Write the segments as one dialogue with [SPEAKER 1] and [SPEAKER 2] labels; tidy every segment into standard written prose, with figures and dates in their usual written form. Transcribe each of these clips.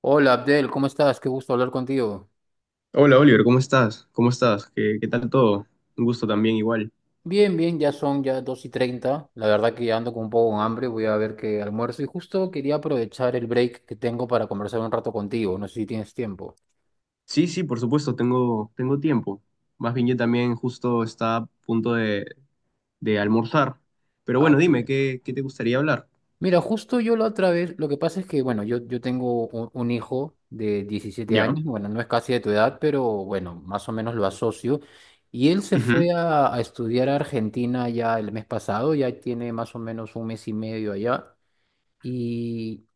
[SPEAKER 1] Hola Abdel, ¿cómo estás? Qué gusto hablar contigo.
[SPEAKER 2] Hola Oliver, ¿cómo estás? ¿Cómo estás? ¿Qué tal todo? Un gusto también igual.
[SPEAKER 1] Bien, bien, ya son 2:30. La verdad que ya ando con un poco de hambre, voy a ver qué almuerzo. Y justo quería aprovechar el break que tengo para conversar un rato contigo. No sé si tienes tiempo.
[SPEAKER 2] Sí, sí, por supuesto, tengo tiempo. Más bien yo también justo está a punto de almorzar. Pero
[SPEAKER 1] Ah,
[SPEAKER 2] bueno,
[SPEAKER 1] qué
[SPEAKER 2] dime,
[SPEAKER 1] bien.
[SPEAKER 2] ¿qué te gustaría hablar?
[SPEAKER 1] Mira, justo yo la otra vez, lo que pasa es que, bueno, yo tengo un hijo de 17
[SPEAKER 2] Ya.
[SPEAKER 1] años, bueno, no es casi de tu edad, pero bueno, más o menos lo asocio. Y él se
[SPEAKER 2] Ujú.
[SPEAKER 1] fue a estudiar a Argentina ya el mes pasado, ya tiene más o menos un mes y medio allá. Y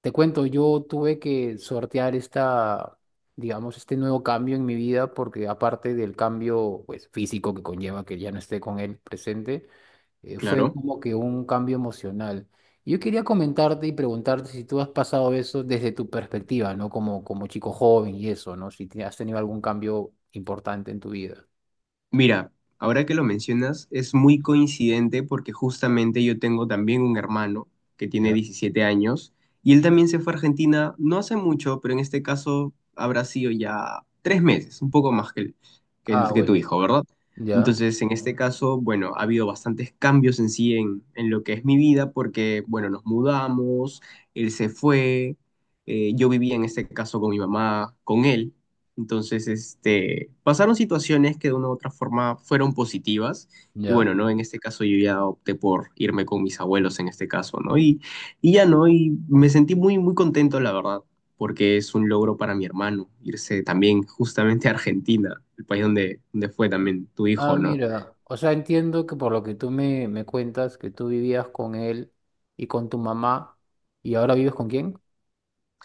[SPEAKER 1] Te cuento, yo tuve que sortear digamos, este nuevo cambio en mi vida porque aparte del cambio, pues, físico que conlleva que ya no esté con él presente. Fue
[SPEAKER 2] Claro.
[SPEAKER 1] como que un cambio emocional. Yo quería comentarte y preguntarte si tú has pasado eso desde tu perspectiva, ¿no? Como chico joven y eso, ¿no? Si has tenido algún cambio importante en tu vida.
[SPEAKER 2] Mira, ahora que lo mencionas, es muy coincidente porque justamente yo tengo también un hermano que tiene
[SPEAKER 1] Ya.
[SPEAKER 2] 17 años y él también se fue a Argentina no hace mucho, pero en este caso habrá sido ya 3 meses, un poco más que,
[SPEAKER 1] Ah,
[SPEAKER 2] que tu
[SPEAKER 1] bueno.
[SPEAKER 2] hijo, ¿verdad?
[SPEAKER 1] Ya,
[SPEAKER 2] Entonces, en este caso, bueno, ha habido bastantes cambios en sí en lo que es mi vida porque, bueno, nos mudamos, él se fue, yo vivía en este caso con mi mamá, con él. Entonces, este, pasaron situaciones que de una u otra forma fueron positivas. Y
[SPEAKER 1] ya.
[SPEAKER 2] bueno, ¿no? En este caso yo ya opté por irme con mis abuelos en este caso, ¿no? Y ya, ¿no? Y me sentí muy, muy contento, la verdad, porque es un logro para mi hermano irse también justamente a Argentina, el país donde, donde fue también tu
[SPEAKER 1] Ah,
[SPEAKER 2] hijo, ¿no?
[SPEAKER 1] mira, o sea, entiendo que por lo que tú me cuentas, que tú vivías con él y con tu mamá. ¿Y ahora vives con quién?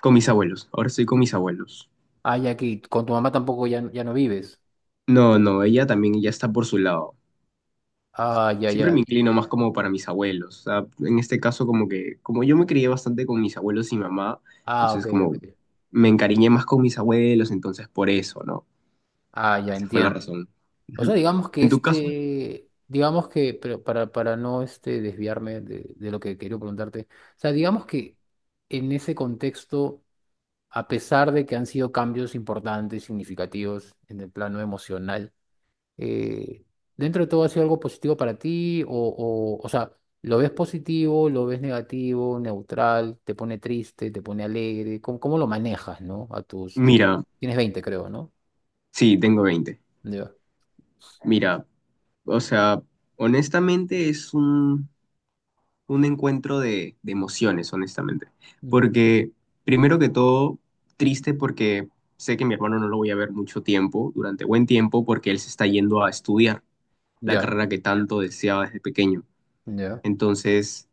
[SPEAKER 2] Con mis abuelos. Ahora estoy con mis abuelos.
[SPEAKER 1] Ah, ya que con tu mamá tampoco ya no vives.
[SPEAKER 2] No, no, ella también ya está por su lado.
[SPEAKER 1] Ah, ya,
[SPEAKER 2] Siempre
[SPEAKER 1] ya.
[SPEAKER 2] me inclino más como para mis abuelos. O sea, en este caso, como que, como yo me crié bastante con mis abuelos y mamá,
[SPEAKER 1] Ah, ok,
[SPEAKER 2] entonces como
[SPEAKER 1] ok.
[SPEAKER 2] me encariñé más con mis abuelos, entonces por eso, ¿no?
[SPEAKER 1] Ah, ya
[SPEAKER 2] Esa fue la Ah,
[SPEAKER 1] entiendo.
[SPEAKER 2] razón.
[SPEAKER 1] O sea,
[SPEAKER 2] Ujú.
[SPEAKER 1] digamos que
[SPEAKER 2] En tu caso,
[SPEAKER 1] pero para no desviarme de lo que quería preguntarte. O sea, digamos que en ese contexto, a pesar de que han sido cambios importantes, significativos en el plano emocional, eh, dentro de todo ha sido algo positivo para ti o sea, ¿lo ves positivo, lo ves negativo, neutral, te pone triste, te pone alegre? ¿Cómo lo manejas, no? A tus... tú te-
[SPEAKER 2] mira,
[SPEAKER 1] Tienes 20 creo, ¿no?
[SPEAKER 2] sí, tengo 20.
[SPEAKER 1] Ya.
[SPEAKER 2] Mira, o sea, honestamente es un encuentro de emociones, honestamente.
[SPEAKER 1] Ujú.
[SPEAKER 2] Porque, primero que todo, triste porque sé que mi hermano no lo voy a ver mucho tiempo, durante buen tiempo, porque él se está yendo a estudiar la
[SPEAKER 1] Ya,
[SPEAKER 2] carrera que tanto deseaba desde pequeño.
[SPEAKER 1] ya,
[SPEAKER 2] Entonces,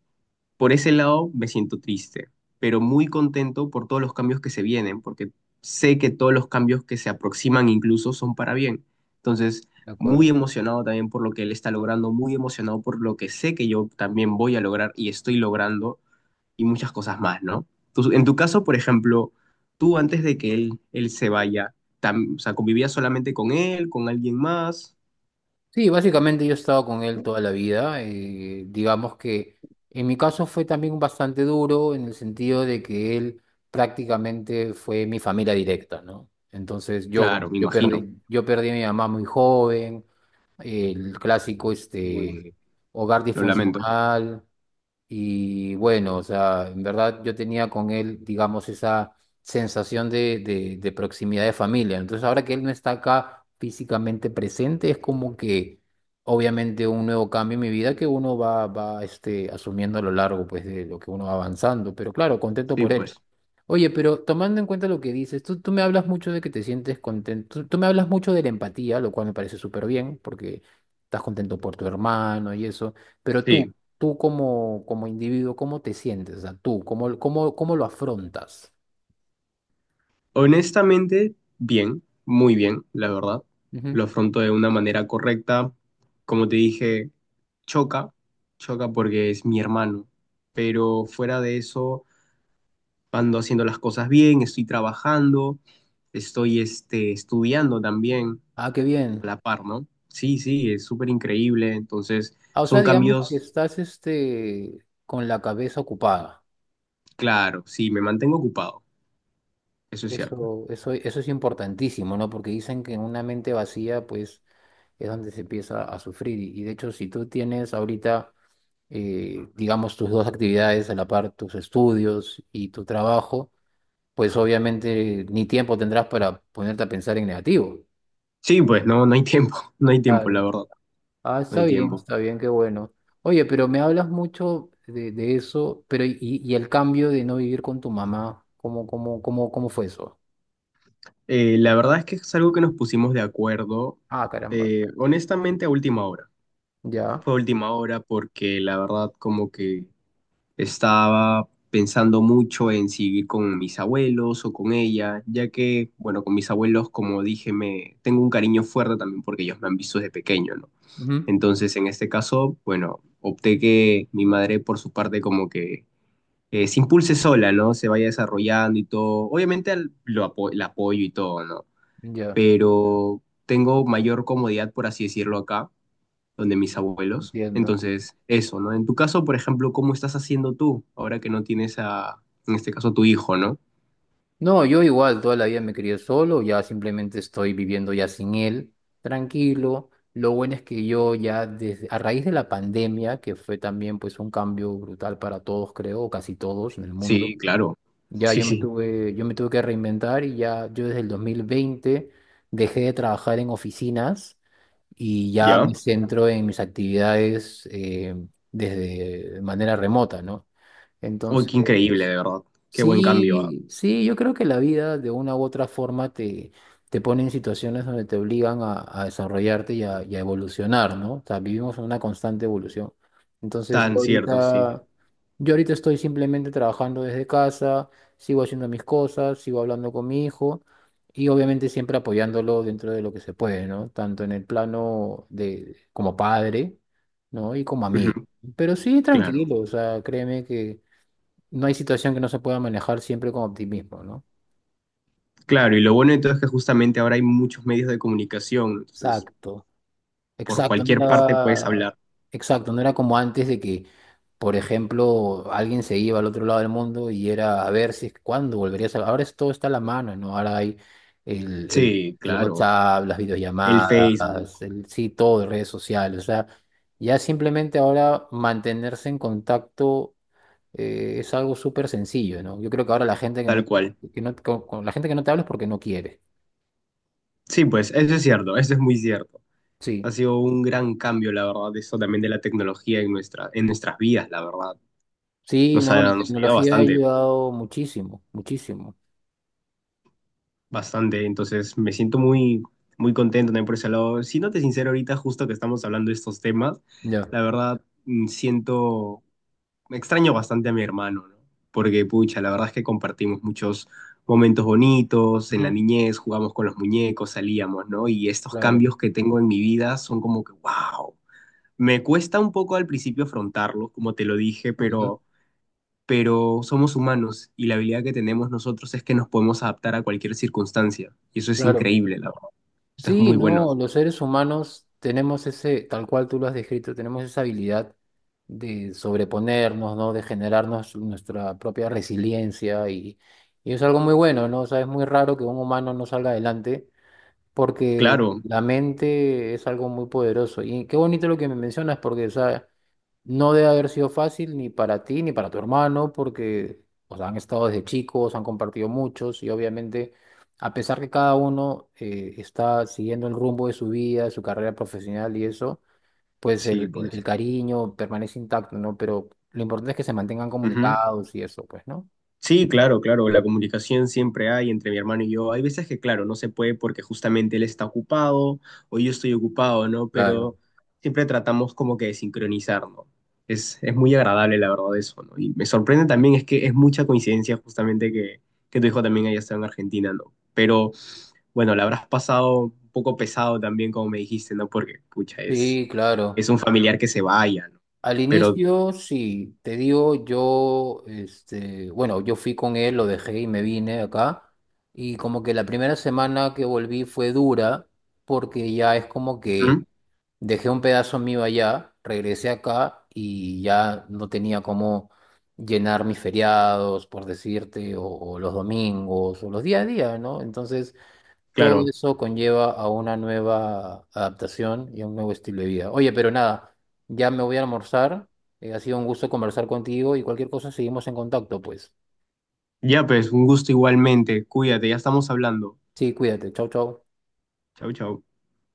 [SPEAKER 2] por ese lado me siento triste, pero muy contento por todos los cambios que se vienen, porque sé que todos los cambios que se aproximan incluso son para bien. Entonces,
[SPEAKER 1] de
[SPEAKER 2] muy
[SPEAKER 1] acuerdo.
[SPEAKER 2] emocionado también por lo que él está logrando, muy emocionado por lo que sé que yo también voy a lograr y estoy logrando y muchas cosas más, ¿no? En tu caso, por ejemplo, tú antes de que él se vaya, o sea, ¿convivías solamente con él, con alguien más?
[SPEAKER 1] Sí, básicamente yo he estado con él toda la vida. Digamos que en mi caso fue también bastante duro en el sentido de que él prácticamente fue mi familia directa, ¿no? Entonces yo, bueno,
[SPEAKER 2] Claro, me
[SPEAKER 1] yo
[SPEAKER 2] imagino.
[SPEAKER 1] perdí, yo perdí a mi mamá muy joven, el clásico
[SPEAKER 2] Uy.
[SPEAKER 1] hogar
[SPEAKER 2] Lo lamento.
[SPEAKER 1] disfuncional. Y bueno, o sea, en verdad yo tenía con él, digamos, esa sensación de proximidad de familia. Entonces, ahora que él no está acá físicamente presente, es como que obviamente un nuevo cambio en mi vida que uno asumiendo a lo largo pues, de lo que uno va avanzando. Pero claro, contento
[SPEAKER 2] Sí,
[SPEAKER 1] por él.
[SPEAKER 2] pues.
[SPEAKER 1] Oye, pero tomando en cuenta lo que dices, tú me hablas mucho de que te sientes contento, tú me hablas mucho de la empatía, lo cual me parece súper bien, porque estás contento por tu hermano y eso, pero tú,
[SPEAKER 2] Sí.
[SPEAKER 1] tú como individuo, ¿cómo te sientes? O sea, tú, ¿cómo lo afrontas?
[SPEAKER 2] Honestamente, bien, muy bien, la verdad.
[SPEAKER 1] Ujú.
[SPEAKER 2] Lo afronto de una manera correcta. Como te dije, choca, choca porque es mi hermano. Pero fuera de eso, ando haciendo las cosas bien, estoy trabajando, estoy este, estudiando también
[SPEAKER 1] Ah, qué
[SPEAKER 2] a
[SPEAKER 1] bien.
[SPEAKER 2] la par, ¿no? Sí, sí, es súper increíble. Entonces,
[SPEAKER 1] Ah, o sea,
[SPEAKER 2] son
[SPEAKER 1] digamos que
[SPEAKER 2] cambios,
[SPEAKER 1] estás con la cabeza ocupada.
[SPEAKER 2] claro, sí, me mantengo ocupado, eso es cierto.
[SPEAKER 1] Eso es importantísimo, ¿no? Porque dicen que en una mente vacía, pues, es donde se empieza a sufrir. Y de hecho, si tú tienes ahorita, digamos, tus dos actividades a la par, tus estudios y tu trabajo, pues obviamente ni tiempo tendrás para ponerte a pensar en negativo.
[SPEAKER 2] Sí, pues no, no hay tiempo, no hay tiempo, la
[SPEAKER 1] Claro.
[SPEAKER 2] verdad.
[SPEAKER 1] Ah,
[SPEAKER 2] No hay tiempo.
[SPEAKER 1] está bien, qué bueno. Oye, pero me hablas mucho de eso, pero y el cambio de no vivir con tu mamá, ¿cómo fue eso?
[SPEAKER 2] La verdad es que es algo que nos pusimos de acuerdo,
[SPEAKER 1] Ah, caramba,
[SPEAKER 2] honestamente, a última hora.
[SPEAKER 1] ya.
[SPEAKER 2] Fue a última hora porque la verdad como que estaba pensando mucho en si ir con mis abuelos o con ella, ya que, bueno, con mis abuelos, como dije, me tengo un cariño fuerte también porque ellos me han visto desde pequeño, ¿no?
[SPEAKER 1] Ujú.
[SPEAKER 2] Entonces, en este caso, bueno, opté que mi madre, por su parte, como que se impulse sola, ¿no? Se vaya desarrollando y todo. Obviamente lo la apoyo y todo, ¿no?
[SPEAKER 1] Ya,
[SPEAKER 2] Pero tengo mayor comodidad, por así decirlo, acá, donde mis abuelos.
[SPEAKER 1] entiendo.
[SPEAKER 2] Entonces, eso, ¿no? En tu caso, por ejemplo, ¿cómo estás haciendo tú ahora que no tienes a, en este caso, tu hijo, ¿no?
[SPEAKER 1] No, yo igual toda la vida me crié solo, ya simplemente estoy viviendo ya sin él, tranquilo. Lo bueno es que yo ya desde, a raíz de la pandemia, que fue también pues un cambio brutal para todos, creo, o casi todos en el mundo,
[SPEAKER 2] Sí, claro.
[SPEAKER 1] ya
[SPEAKER 2] Sí,
[SPEAKER 1] yo me
[SPEAKER 2] sí.
[SPEAKER 1] tuve, yo me tuve que reinventar, y ya yo desde el 2020 dejé de trabajar en oficinas y ya me
[SPEAKER 2] ¿Ya?
[SPEAKER 1] centro en mis actividades desde de manera remota, ¿no?
[SPEAKER 2] Uy, qué increíble,
[SPEAKER 1] Entonces...
[SPEAKER 2] de verdad. Qué buen cambio. Ah.
[SPEAKER 1] Sí, sí, yo creo que la vida de una u otra forma te pone en situaciones donde te obligan a desarrollarte y a evolucionar, ¿no? O sea, vivimos en una constante evolución. Entonces, yo
[SPEAKER 2] Tan cierto, sí.
[SPEAKER 1] ahorita, yo ahorita estoy simplemente trabajando desde casa, sigo haciendo mis cosas, sigo hablando con mi hijo y obviamente siempre apoyándolo dentro de lo que se puede, ¿no? Tanto en el plano de como padre, ¿no? Y como
[SPEAKER 2] Ujú.
[SPEAKER 1] amigo. Pero sí,
[SPEAKER 2] Claro.
[SPEAKER 1] tranquilo, o sea, créeme que no hay situación que no se pueda manejar siempre con optimismo, ¿no?
[SPEAKER 2] Claro, y lo bueno entonces es que justamente ahora hay muchos medios de comunicación, entonces
[SPEAKER 1] Exacto,
[SPEAKER 2] por
[SPEAKER 1] exacto,
[SPEAKER 2] cualquier parte puedes hablar.
[SPEAKER 1] no era como antes de que, por ejemplo, alguien se iba al otro lado del mundo y era a ver si cuándo volverías Ahora todo está a la mano, ¿no? Ahora hay el, el,
[SPEAKER 2] Sí,
[SPEAKER 1] el
[SPEAKER 2] claro.
[SPEAKER 1] WhatsApp, las
[SPEAKER 2] El Facebook,
[SPEAKER 1] videollamadas, sí, todo, redes sociales, o sea, ya simplemente ahora mantenerse en contacto es algo súper sencillo, ¿no? Yo creo que ahora la gente
[SPEAKER 2] tal cual.
[SPEAKER 1] que no, con la gente que no te habla es porque no quiere.
[SPEAKER 2] Sí, pues eso es cierto, eso es muy cierto. Ha
[SPEAKER 1] Sí,
[SPEAKER 2] sido un gran cambio, la verdad, eso también de la tecnología en nuestra, en nuestras vidas, la verdad.
[SPEAKER 1] sí, no, la
[SPEAKER 2] Nos ha ayudado
[SPEAKER 1] tecnología ha
[SPEAKER 2] bastante,
[SPEAKER 1] ayudado muchísimo, muchísimo.
[SPEAKER 2] bastante. Entonces, me siento muy, muy contento también por ese lado. Siéndote sincero, ahorita justo que estamos hablando de estos temas,
[SPEAKER 1] Ya.
[SPEAKER 2] la verdad, siento, me extraño bastante a mi hermano, ¿no? Porque, pucha, la verdad es que compartimos muchos momentos bonitos, en la
[SPEAKER 1] Ujú,
[SPEAKER 2] niñez jugamos con los muñecos, salíamos, ¿no? Y estos
[SPEAKER 1] claro,
[SPEAKER 2] cambios que tengo en mi vida son como que, wow. Me cuesta un poco al principio afrontarlo, como te lo dije,
[SPEAKER 1] ujú,
[SPEAKER 2] pero somos humanos y la habilidad que tenemos nosotros es que nos podemos adaptar a cualquier circunstancia. Y eso es
[SPEAKER 1] claro.
[SPEAKER 2] increíble, la verdad. Eso es
[SPEAKER 1] Sí,
[SPEAKER 2] muy bueno.
[SPEAKER 1] no, los seres humanos tenemos ese, tal cual tú lo has descrito, tenemos esa habilidad de sobreponernos, ¿no? De generarnos nuestra propia resiliencia, y es algo muy bueno, ¿no? O sea, es muy raro que un humano no salga adelante porque
[SPEAKER 2] Claro,
[SPEAKER 1] la mente es algo muy poderoso. Y qué bonito lo que me mencionas porque, o sea, no debe haber sido fácil ni para ti ni para tu hermano, porque o sea, han estado desde chicos, han compartido muchos y obviamente, a pesar que cada uno está siguiendo el rumbo de su vida, de su carrera profesional y eso, pues
[SPEAKER 2] sí,
[SPEAKER 1] el, el-
[SPEAKER 2] pues.
[SPEAKER 1] el cariño permanece intacto, ¿no? Pero lo importante es que se mantengan
[SPEAKER 2] Ujú.
[SPEAKER 1] comunicados y eso, pues, ¿no?
[SPEAKER 2] Sí, claro, claro, la comunicación siempre hay entre mi hermano y yo. Hay veces que, claro, no se puede porque justamente él está ocupado o yo estoy ocupado, ¿no?
[SPEAKER 1] Claro.
[SPEAKER 2] Pero siempre tratamos como que de sincronizar, ¿no? Es muy agradable, la verdad, eso, ¿no? Y me sorprende también es que es mucha coincidencia justamente que tu hijo también haya estado en Argentina, ¿no? Pero bueno, la habrás pasado un poco pesado también, como me dijiste, ¿no? Porque, pucha, es,
[SPEAKER 1] Sí, claro.
[SPEAKER 2] un familiar que se vaya, ¿no?
[SPEAKER 1] Al
[SPEAKER 2] Pero,
[SPEAKER 1] inicio, sí, te digo, bueno, yo fui con él, lo dejé y me vine acá. Y como que la primera semana que volví fue dura, porque ya es como
[SPEAKER 2] ujú,
[SPEAKER 1] que dejé un pedazo mío allá, regresé acá y ya no tenía cómo llenar mis feriados, por decirte, o los domingos, o los día a día, ¿no? Entonces todo
[SPEAKER 2] claro.
[SPEAKER 1] eso conlleva a una nueva adaptación y a un nuevo estilo de vida. Oye, pero nada, ya me voy a almorzar. Ha sido un gusto conversar contigo y cualquier cosa seguimos en contacto, pues.
[SPEAKER 2] Ya pues, un gusto igualmente. Cuídate, ya estamos hablando.
[SPEAKER 1] Sí, cuídate. Chau, chau.
[SPEAKER 2] Chau, chau.